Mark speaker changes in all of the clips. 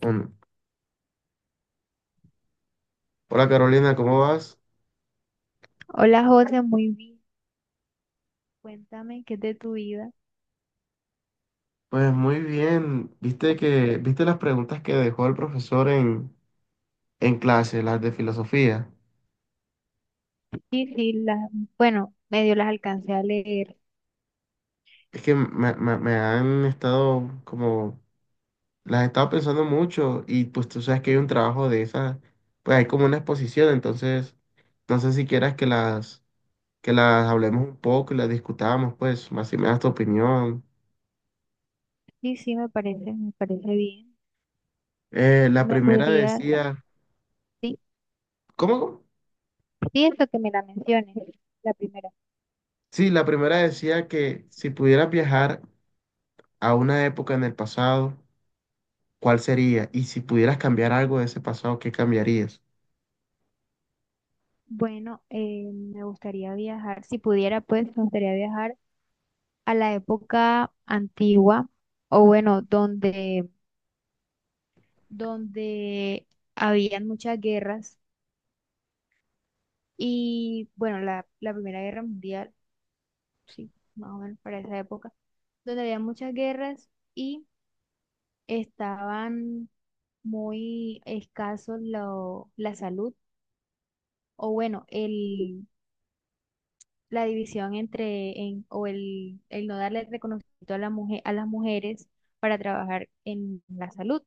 Speaker 1: Bueno, hola Carolina, ¿cómo vas?
Speaker 2: Hola José, muy bien. Cuéntame qué es de tu vida.
Speaker 1: Pues muy bien. ¿Viste que, viste las preguntas que dejó el profesor en clase, las de filosofía?
Speaker 2: Sí, sí, bueno, medio las alcancé a leer.
Speaker 1: Es que me han estado como, las he estado pensando mucho y pues tú sabes que hay un trabajo de esas, pues hay como una exposición, entonces no sé si quieras que las hablemos un poco y las discutamos, pues más si me das tu opinión.
Speaker 2: Sí, sí, me parece bien.
Speaker 1: La
Speaker 2: ¿Me
Speaker 1: primera
Speaker 2: podrías,
Speaker 1: decía,
Speaker 2: sí,
Speaker 1: ¿cómo? ¿Cómo?
Speaker 2: sí, eso que me la menciones, ¿la primera?
Speaker 1: Sí, la primera decía que si pudieras viajar a una época en el pasado, ¿cuál sería? Y si pudieras cambiar algo de ese pasado, ¿qué cambiarías?
Speaker 2: Bueno, me gustaría viajar, si pudiera, pues, me gustaría viajar a la época antigua, o bueno, donde habían muchas guerras y, bueno, la Primera Guerra Mundial, sí, más o menos para esa época donde había muchas guerras y estaban muy escasos la salud, o bueno, la división entre en- o el no darle reconocimiento a la mujer, a las mujeres para trabajar en la salud.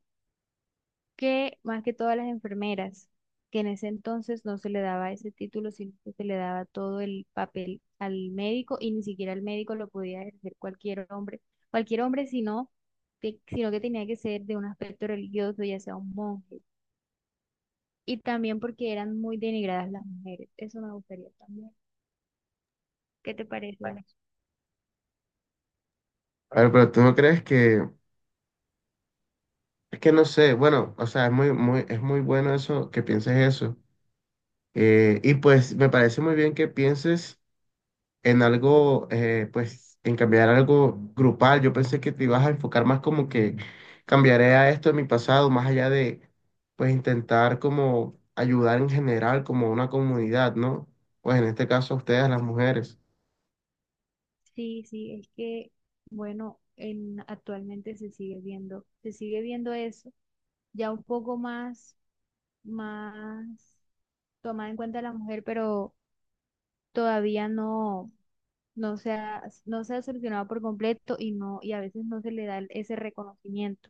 Speaker 2: Que más que todas las enfermeras, que en ese entonces no se le daba ese título, sino que se le daba todo el papel al médico y ni siquiera el médico lo podía ejercer cualquier hombre, sino que tenía que ser de un aspecto religioso, ya sea un monje. Y también porque eran muy denigradas las mujeres. Eso me gustaría también. ¿Qué te parece eso?
Speaker 1: A ver, pero tú no crees que, es que no sé, bueno, o sea, es muy, es muy bueno eso, que pienses eso. Y pues me parece muy bien que pienses en algo, pues en cambiar algo grupal. Yo pensé que te ibas a enfocar más como que cambiaré a esto en mi pasado, más allá de, pues intentar como ayudar en general como a una comunidad, ¿no? Pues en este caso a ustedes, las
Speaker 2: Sí,
Speaker 1: mujeres.
Speaker 2: sí, sí, es que, bueno, en, actualmente se sigue viendo eso, ya un poco más, más tomada en cuenta la mujer, pero todavía no, no se ha solucionado por completo y no, y a veces no se le da ese reconocimiento.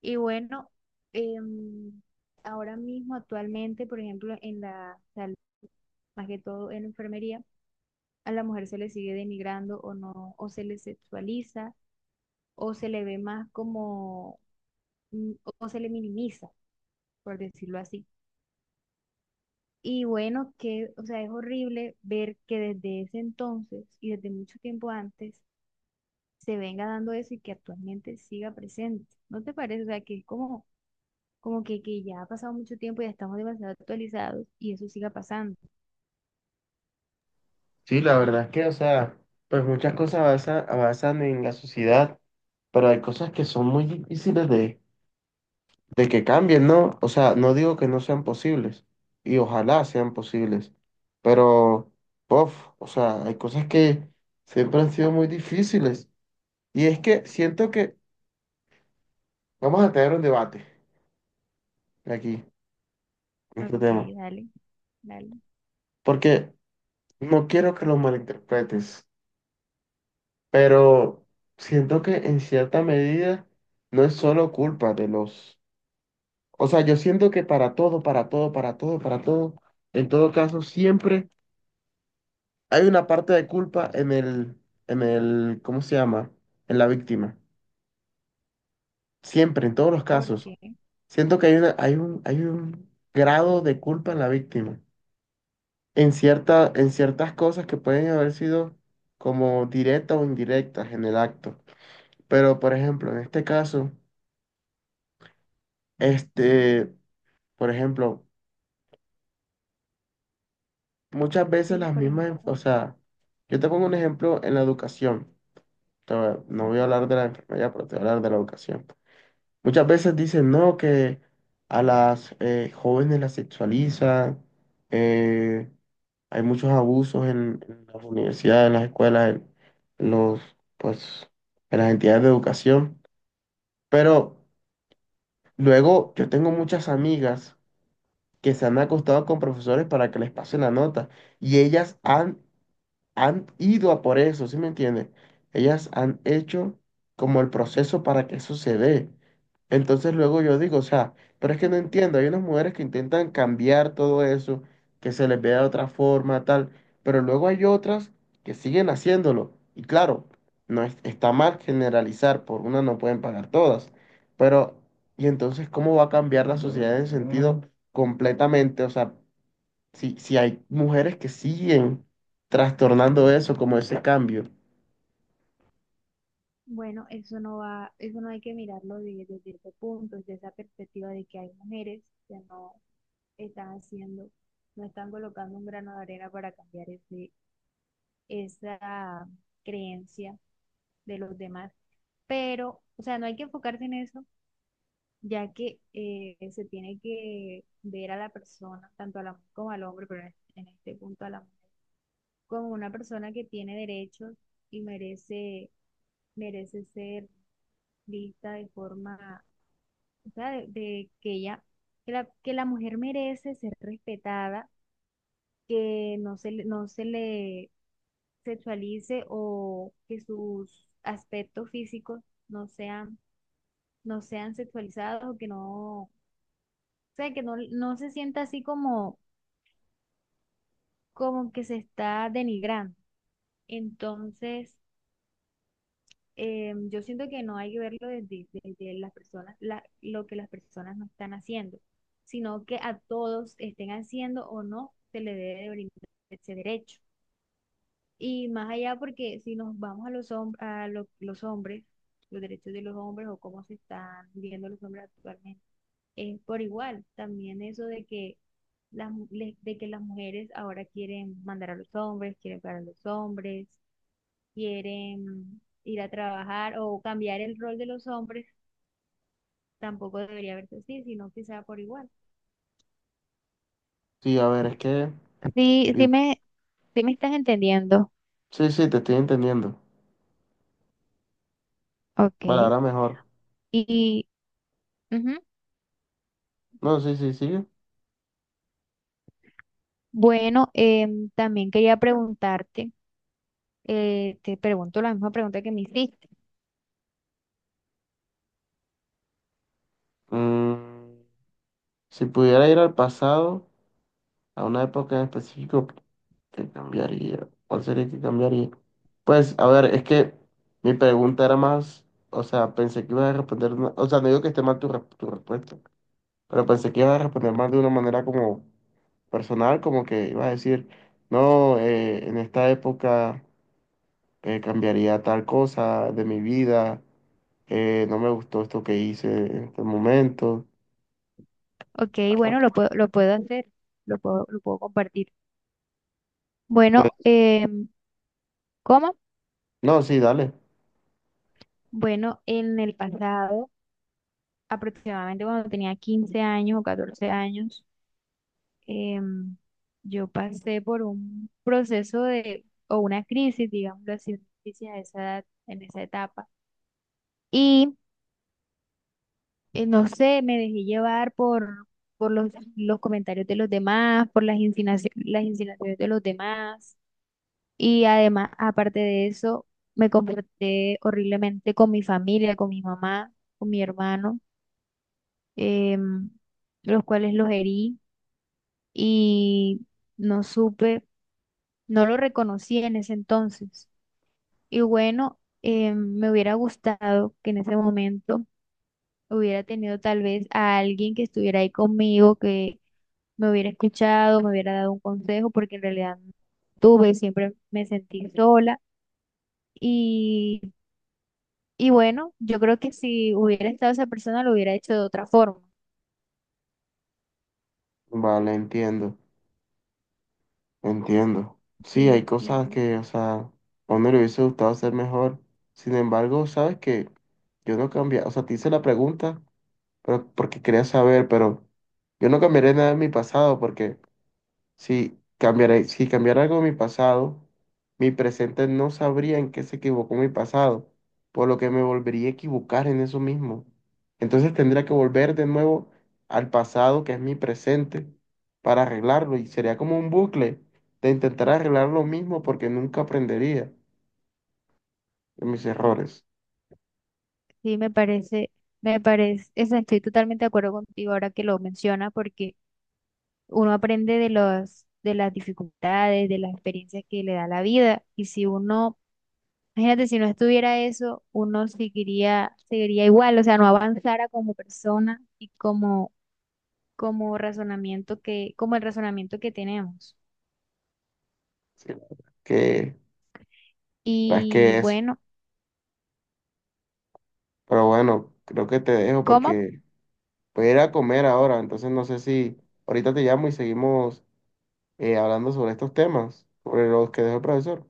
Speaker 2: Y bueno, em, ahora mismo, actualmente, por ejemplo, en la salud, más que todo en la enfermería, a la mujer se le sigue denigrando o no, o se le sexualiza, o se le ve más como, mm, o se le minimiza, por decirlo así. Y bueno, que, o sea, es horrible ver que desde ese entonces y desde mucho tiempo antes se venga dando eso y que actualmente siga presente. ¿No te parece? O sea, que es como, que ya ha pasado mucho tiempo y ya estamos demasiado actualizados y eso siga pasando.
Speaker 1: Sí, la verdad es que, o sea, pues muchas cosas avanzan en la sociedad, pero hay cosas que son muy difíciles de que cambien, ¿no? O sea, no digo que no sean posibles, y ojalá sean posibles, pero, puff, o sea, hay cosas que siempre han sido muy difíciles. Y es que siento que vamos a tener un debate aquí, en este
Speaker 2: Ok,
Speaker 1: tema,
Speaker 2: dale, dale.
Speaker 1: porque no quiero que lo malinterpretes, pero siento que en cierta medida no es solo culpa de los. O sea, yo siento que para todo, en todo caso, siempre hay una parte de culpa en el, ¿cómo se llama? En la víctima. Siempre, en todos los
Speaker 2: ¿Por
Speaker 1: casos.
Speaker 2: qué?
Speaker 1: Siento que hay hay un grado de culpa en la víctima. En ciertas cosas que pueden haber sido como directas o indirectas en el acto. Pero, por ejemplo, en este caso, este, por ejemplo, muchas veces
Speaker 2: Sí,
Speaker 1: las
Speaker 2: por
Speaker 1: mismas,
Speaker 2: ejemplo.
Speaker 1: o sea, yo te pongo un ejemplo en la educación, no voy a
Speaker 2: Ajá,
Speaker 1: hablar de la enfermería, pero te voy a hablar de la educación. Muchas veces dicen, no, que a las jóvenes las sexualizan, eh, hay muchos abusos en las universidades, en las escuelas, en los, pues, en las entidades de educación. Pero luego yo tengo muchas amigas que se han acostado con profesores para que les pasen la nota y ellas han ido a por eso, ¿sí me entiendes? Ellas han hecho como el proceso para que eso se dé. Entonces luego yo digo, o sea, pero es que no
Speaker 2: ok.
Speaker 1: entiendo, hay unas mujeres que intentan cambiar todo eso, que se les vea de otra forma, tal, pero luego hay otras que siguen haciéndolo. Y claro, no es- está mal generalizar, por una no pueden pagar todas, pero ¿y entonces cómo va a cambiar la sociedad en sentido completamente? O sea, si hay mujeres que siguen trastornando eso, como ese cambio.
Speaker 2: Bueno, eso no va, eso no hay que mirarlo desde ese punto, desde esa perspectiva de que hay mujeres que no están haciendo, no están colocando un grano de arena para cambiar esa creencia de los demás. Pero, o sea, no hay que enfocarse en eso, ya que se tiene que ver a la persona, tanto a la mujer como al hombre, pero en este punto a la mujer, como una persona que tiene derechos y merece, merece ser vista de forma, o sea, de que ella, que la mujer merece ser respetada, que no se le, no se le sexualice o que sus aspectos físicos no sean, no sean sexualizados o que no, o sea, que no, no se sienta así como, como que se está denigrando. Entonces, yo siento que no hay que verlo desde, desde las personas, lo que las personas no están haciendo, sino que a todos estén haciendo o no, se le debe de brindar ese derecho. Y más allá, porque si nos vamos a los, los hombres, los derechos de los hombres o cómo se están viviendo los hombres actualmente, es por igual. También eso de que de que las mujeres ahora quieren mandar a los hombres, quieren pagar a los hombres, quieren ir a trabajar o cambiar el rol de los hombres, tampoco debería verse así, sino que sea por igual.
Speaker 1: Sí, a ver, es que...
Speaker 2: Sí,
Speaker 1: y-
Speaker 2: sí me, sí, me estás entendiendo.
Speaker 1: Sí, sí, te estoy entendiendo. Vale,
Speaker 2: Ok.
Speaker 1: ahora mejor.
Speaker 2: Y ujú.
Speaker 1: No, sí, sí, sigue.
Speaker 2: Bueno, también quería preguntarte. Eh, te pregunto la misma pregunta que me hiciste.
Speaker 1: Mm, si pudiera ir al pasado, a una época en específico, ¿qué cambiaría? ¿Cuál sería que cambiaría? Pues, a ver, es que mi pregunta era más... O sea, pensé que ibas a responder... O sea, no digo que esté mal tu respuesta. Pero pensé que ibas a responder más de una manera como personal, como que ibas a decir, no, en esta época cambiaría tal cosa de mi vida, no me gustó esto que hice en este momento.
Speaker 2: Ok,
Speaker 1: Ah,
Speaker 2: bueno, lo puedo hacer, lo puedo compartir. Bueno,
Speaker 1: pues,
Speaker 2: ¿cómo?
Speaker 1: no, sí, dale.
Speaker 2: Bueno, en el pasado, aproximadamente cuando tenía 15 años o 14 años, em, yo pasé por un proceso de, o una crisis, digámoslo así, una crisis a esa edad, en esa etapa. Y no sé, me dejé llevar por los comentarios de los demás, las insinuaciones de los demás. Y además, aparte de eso, me comporté horriblemente con mi familia, con mi mamá, con mi hermano, em, los cuales los herí y no supe, no lo reconocí en ese entonces. Y bueno, me hubiera gustado que en ese momento hubiera tenido tal vez a alguien que estuviera ahí conmigo, que me hubiera escuchado, me hubiera dado un consejo, porque en realidad no tuve, siempre me sentí sola. Y Y bueno, yo creo que si hubiera estado esa persona lo hubiera hecho de otra forma.
Speaker 1: Vale, entiendo, entiendo. Sí, hay
Speaker 2: Y,
Speaker 1: cosas
Speaker 2: y
Speaker 1: que, o sea, a uno le hubiese gustado hacer mejor. Sin embargo, sabes que yo no cambié, o sea, te hice la pregunta, pero porque quería saber, pero yo no cambiaré nada en mi pasado porque... Si cambiaré, si cambiara algo de mi pasado, mi presente no sabría en qué se equivocó mi pasado, por lo que me volvería a equivocar en eso mismo. Entonces tendría que volver de nuevo al pasado, que es mi presente, para arreglarlo. Y sería como un bucle de intentar arreglar lo mismo porque nunca aprendería de mis errores.
Speaker 2: sí, me parece, estoy totalmente de acuerdo contigo ahora que lo menciona, porque uno aprende de los, de las dificultades, de las experiencias que le da la vida. Y si uno, imagínate, si no estuviera eso, uno seguiría, seguiría igual, o sea, no avanzara como persona y como, como el razonamiento que tenemos.
Speaker 1: Sí, la verdad que, la verdad es
Speaker 2: Y
Speaker 1: que eso.
Speaker 2: bueno,
Speaker 1: Pero bueno, creo que te dejo
Speaker 2: ¿cómo?
Speaker 1: porque voy a ir a comer ahora. Entonces no sé si ahorita te llamo y seguimos hablando sobre estos temas, sobre los que dejó el profesor.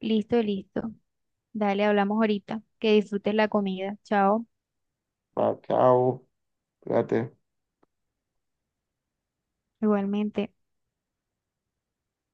Speaker 2: Listo, listo. Dale, hablamos ahorita. Que disfrutes la comida. Chao.
Speaker 1: Ah, chao, cuídate.
Speaker 2: Igualmente.